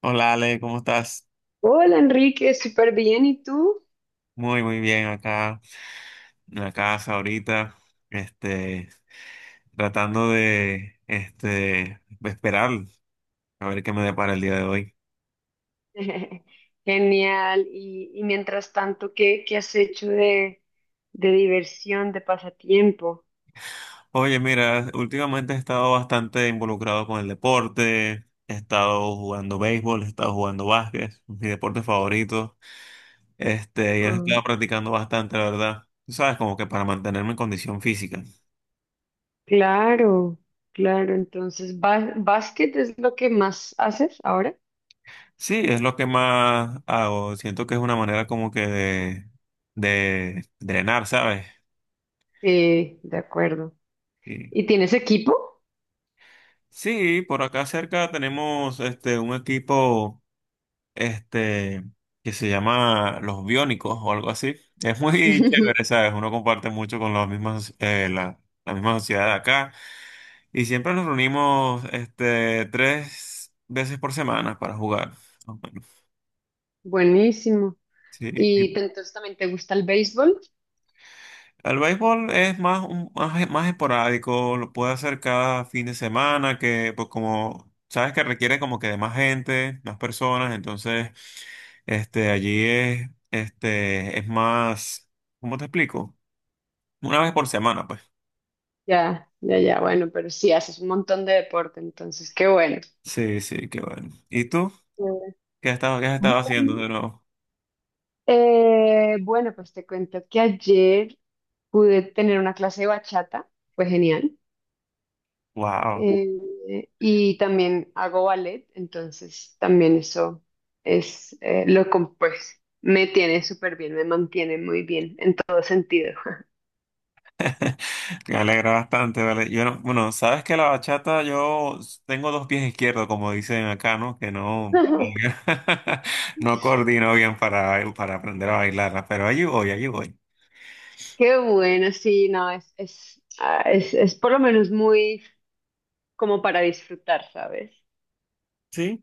Hola Ale, ¿cómo estás? Hola Enrique, súper bien. ¿Y tú? Muy, muy bien acá en la casa ahorita, este, tratando de, esperar a ver qué me depara el día de hoy. Genial. Y mientras tanto, ¿qué has hecho de diversión, de pasatiempo? Oye, mira, últimamente he estado bastante involucrado con el deporte, he estado jugando béisbol, he estado jugando básquet, mi deporte favorito, y he Mm. estado practicando bastante, la verdad. Tú sabes, como que para mantenerme en condición física. Claro, claro. Entonces, ¿básquet es lo que más haces ahora? Sí, es lo que más hago. Siento que es una manera como que de drenar, ¿sabes? Sí, de acuerdo. Sí. ¿Y tienes equipo? Sí, por acá cerca tenemos un equipo este que se llama Los Biónicos o algo así. Es muy chévere, ¿sabes? Uno comparte mucho con las mismas la misma sociedad de acá y siempre nos reunimos tres veces por semana para jugar, más o menos. Buenísimo. Sí. ¿Entonces también te gusta el béisbol? El béisbol es más, más, más esporádico, lo puede hacer cada fin de semana, que pues como sabes que requiere como que de más gente, más personas, entonces allí es es más, ¿cómo te explico? Una vez por semana, pues. Ya, ya, ya. Bueno, pero sí, haces un montón de deporte, entonces, qué bueno. Sí, sí, qué bueno. ¿Y tú? Qué Qué has estado haciendo bueno. de nuevo? Bueno, pues te cuento que ayer pude tener una clase de bachata, fue genial. Wow. Y también hago ballet, entonces también eso es lo que pues me tiene súper bien, me mantiene muy bien en todo sentido. Me alegra bastante, ¿vale? Yo no- Bueno, sabes que la bachata yo tengo dos pies izquierdos, como dicen acá, ¿no? Que no, Ujú. no coordino bien para aprender a bailarla, pero allí voy, allí voy. Qué bueno, sí, no, es por lo menos muy como para disfrutar, ¿sabes? Sí.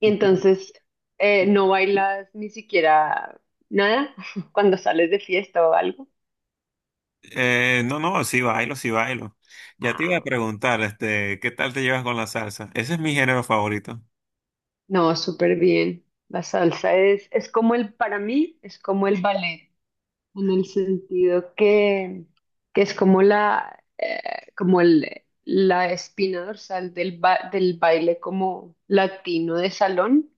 Y Y- qué- entonces no bailas ni siquiera nada cuando sales de fiesta o algo. No, no, sí bailo, sí bailo. Ya te iba a Ah, preguntar, ¿qué tal te llevas con la salsa? Ese es mi género favorito. no, súper bien. La salsa es como el, para mí, es como el ballet, en el sentido que es como la, como el, la espina dorsal del, del baile como latino de salón,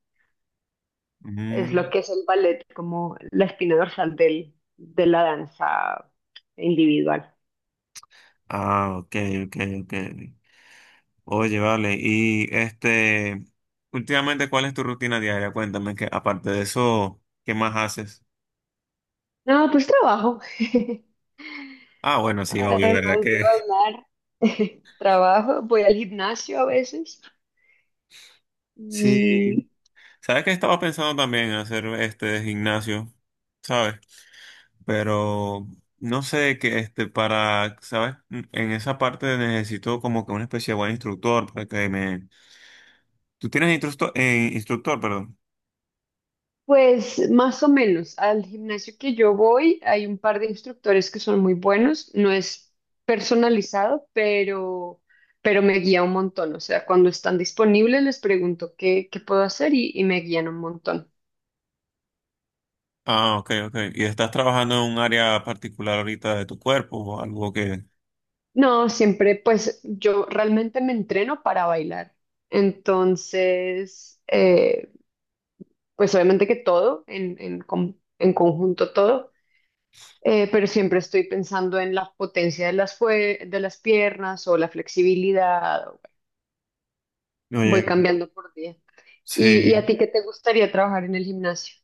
es lo Mm. que es el ballet, como la espina dorsal del, de la danza individual. Ah, ok, ok, ok. Oye, vale, y últimamente, ¿cuál es tu rutina diaria? Cuéntame que aparte de eso, ¿qué más haces? No, pues trabajo. Ah, bueno, sí, obvio, ¿verdad Además de que? bailar, trabajo, voy al gimnasio a veces. Sí. Y ¿Sabes que estaba pensando también en hacer este gimnasio? ¿Sabes? Pero no sé que para, ¿sabes? En esa parte necesito como que una especie de buen instructor para que me. ¿Tú tienes instructor, instructor, perdón? pues más o menos, al gimnasio que yo voy hay un par de instructores que son muy buenos, no es personalizado, pero me guía un montón, o sea, cuando están disponibles les pregunto qué, qué puedo hacer y me guían un montón. Ah, ok, ok. ¿Y estás trabajando en un área particular ahorita de tu cuerpo o algo que? No, siempre pues yo realmente me entreno para bailar, entonces pues obviamente que todo, en conjunto todo. Pero siempre estoy pensando en la potencia de las, de las piernas o la flexibilidad. Voy Oye, cambiando por día. ¿Y a sí, ti qué te gustaría trabajar en el gimnasio?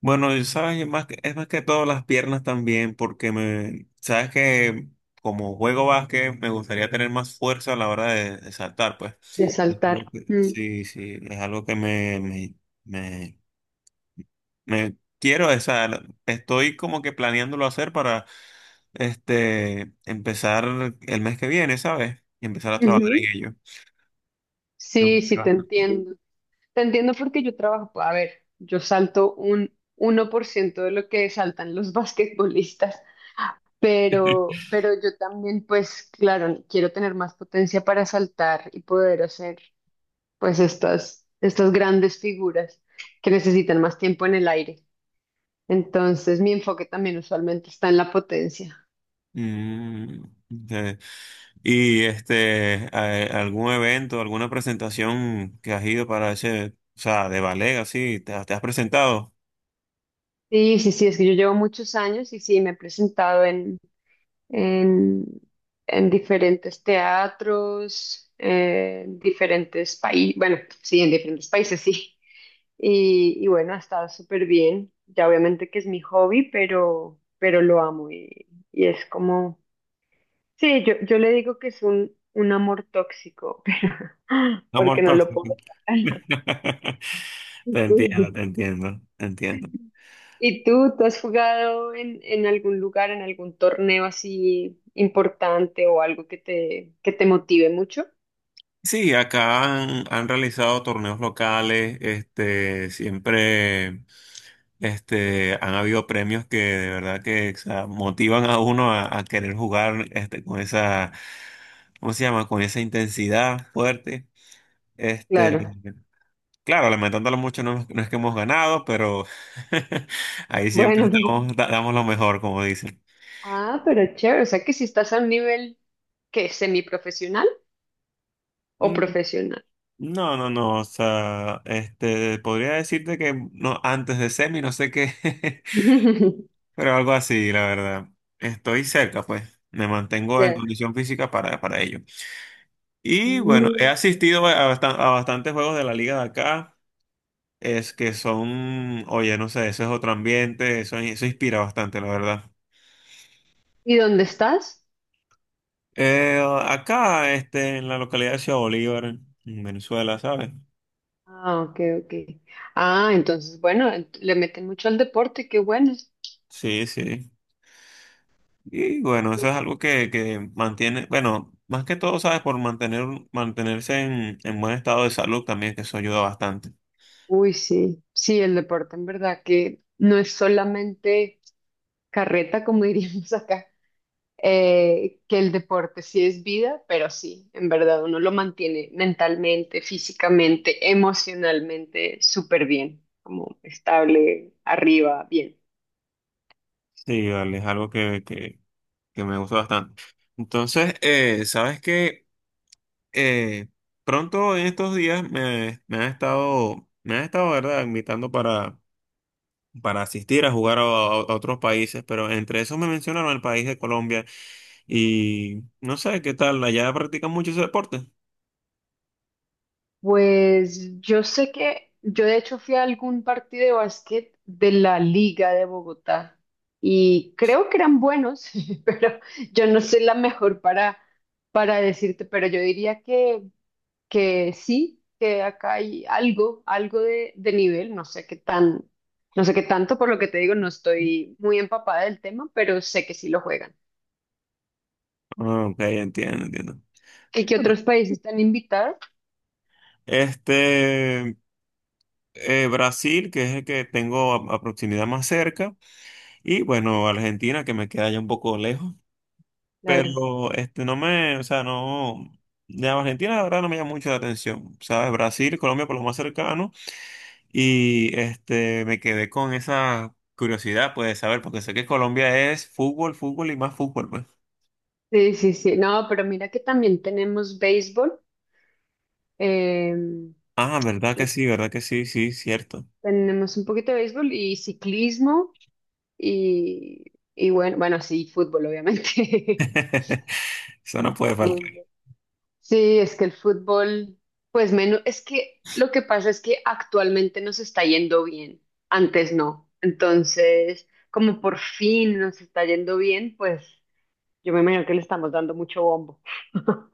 bueno, y sabes, es más que todo las piernas también, porque me, sabes que como juego básquet me gustaría tener más fuerza a la hora de saltar, pues. De saltar. Mm. Sí, sí, es algo que me, me quiero, o sea, estoy como que planeándolo hacer para empezar el mes que viene, ¿sabes? Y empezar a trabajar Ujú. en ello. No, Sí, qué sí, te bastante. entiendo. Te entiendo porque yo trabajo, a ver, yo salto un 1% de lo que saltan los basquetbolistas, pero yo también, pues claro, quiero tener más potencia para saltar y poder hacer pues estas, estas grandes figuras que necesitan más tiempo en el aire. Entonces, mi enfoque también usualmente está en la potencia. Mm, sí. ¿Y algún evento, alguna presentación que has ido para ese, o sea, de ballet, así, te has presentado? Sí, sí, sí, es que yo llevo muchos años y sí, me he presentado en, en diferentes teatros, en diferentes países, bueno, sí, en diferentes países, sí. Y bueno, ha estado súper bien. Ya obviamente que es mi hobby, pero lo amo y es como sí, yo le digo que es un amor tóxico, No more porque no lo toxic. puedo sacar. Te entiendo, te entiendo, te entiendo. ¿Y tú has jugado en algún lugar, en algún torneo así importante o algo que te motive mucho? Sí, acá han realizado torneos locales, siempre, han habido premios que de verdad que, o sea, motivan a uno a querer jugar, con esa, ¿cómo se llama? Con esa intensidad fuerte. Este, Claro. Claro, lamentándolo mucho, no, no es que hemos ganado, pero ahí siempre Bueno, pero estamos, damos lo mejor, como dicen. ah, pero chévere, o sea que si estás a un nivel que semiprofesional o Mm, profesional. no, no, no, o sea, podría decirte que no, antes de semi, no sé qué, pero algo así, la verdad. Estoy cerca, pues, me mantengo en Ya. condición física para ello. Y bueno, he Mm. asistido a, a bastantes juegos de la liga de acá, es que son, oye, no sé, eso es otro ambiente, eso inspira bastante, la verdad. ¿Y dónde estás? Eh, acá, en la localidad de Ciudad Bolívar, en Venezuela, ¿sabes? Ah, ok, ok. Ah, entonces, bueno, le meten mucho al deporte, qué bueno. Sí, sí. Y bueno, eso es algo que mantiene, bueno, más que todo, ¿sabes? Por mantener, mantenerse en buen estado de salud también, que eso ayuda bastante. Uy, sí, sí, el deporte en verdad que no es solamente carreta, como diríamos acá, que el deporte sí es vida, pero sí, en verdad uno lo mantiene mentalmente, físicamente, emocionalmente súper bien, como estable, arriba, bien. Sí, vale, es algo que que me gusta bastante. Entonces, ¿sabes qué? Eh, pronto en estos días me han estado, ¿verdad? Invitando para asistir a jugar a otros países, pero entre esos me mencionaron el país de Colombia y no sé qué tal, allá practican mucho ese deporte. Pues yo sé que yo de hecho fui a algún partido de básquet de la Liga de Bogotá y creo que eran buenos, pero yo no soy la mejor para decirte, pero yo diría que sí, que acá hay algo, algo de nivel, no sé qué tan, no sé qué tanto, por lo que te digo, no estoy muy empapada del tema, pero sé que sí lo juegan. Ah, ok, entiendo, entiendo. ¿Y que otros países están invitados? Este, Brasil, que es el que tengo a proximidad más cerca, y bueno, Argentina, que me queda ya un poco lejos, Claro. pero no me, o sea, no, de Argentina la verdad no me llama mucho la atención, ¿sabes? Brasil, Colombia por lo más cercano. Y me quedé con esa curiosidad, pues, de saber, porque sé que Colombia es fútbol, fútbol y más fútbol, pues. Sí, sí, sí. No, pero mira que también tenemos béisbol. Eh, Ah, lo que- verdad que sí, sí, cierto. Tenemos un poquito de béisbol y ciclismo y, y bueno, bueno, sí, fútbol, obviamente. Eso no puede faltar. Fútbol. Sí, es que el fútbol, pues menos, es que lo que pasa es que actualmente nos está yendo bien, antes no. Entonces, como por fin nos está yendo bien, pues yo me imagino que le estamos dando mucho bombo.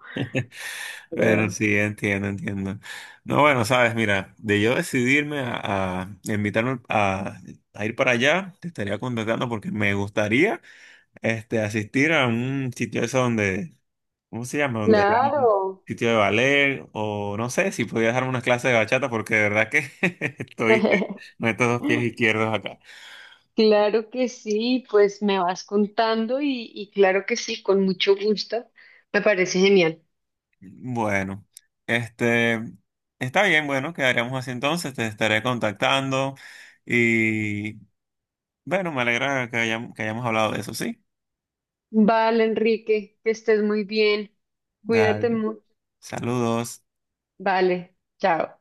Pero Pero sí, entiendo, entiendo. No, bueno, sabes, mira, de yo decidirme a invitarme a ir para allá, te estaría contactando porque me gustaría asistir a un sitio eso donde ¿cómo se llama? Donde hay un claro. sitio de ballet o no sé si podía darme unas clases de bachata porque de verdad que estoy con estos dos pies izquierdos acá. Claro que sí, pues me vas contando y claro que sí, con mucho gusto. Me parece genial. Bueno, este está bien, bueno, quedaríamos así entonces, te estaré contactando y bueno, me alegra que hayamos hablado de eso, ¿sí? Vale, Enrique, que estés muy bien. Cuídate Dale, mucho. saludos. Vale, chao.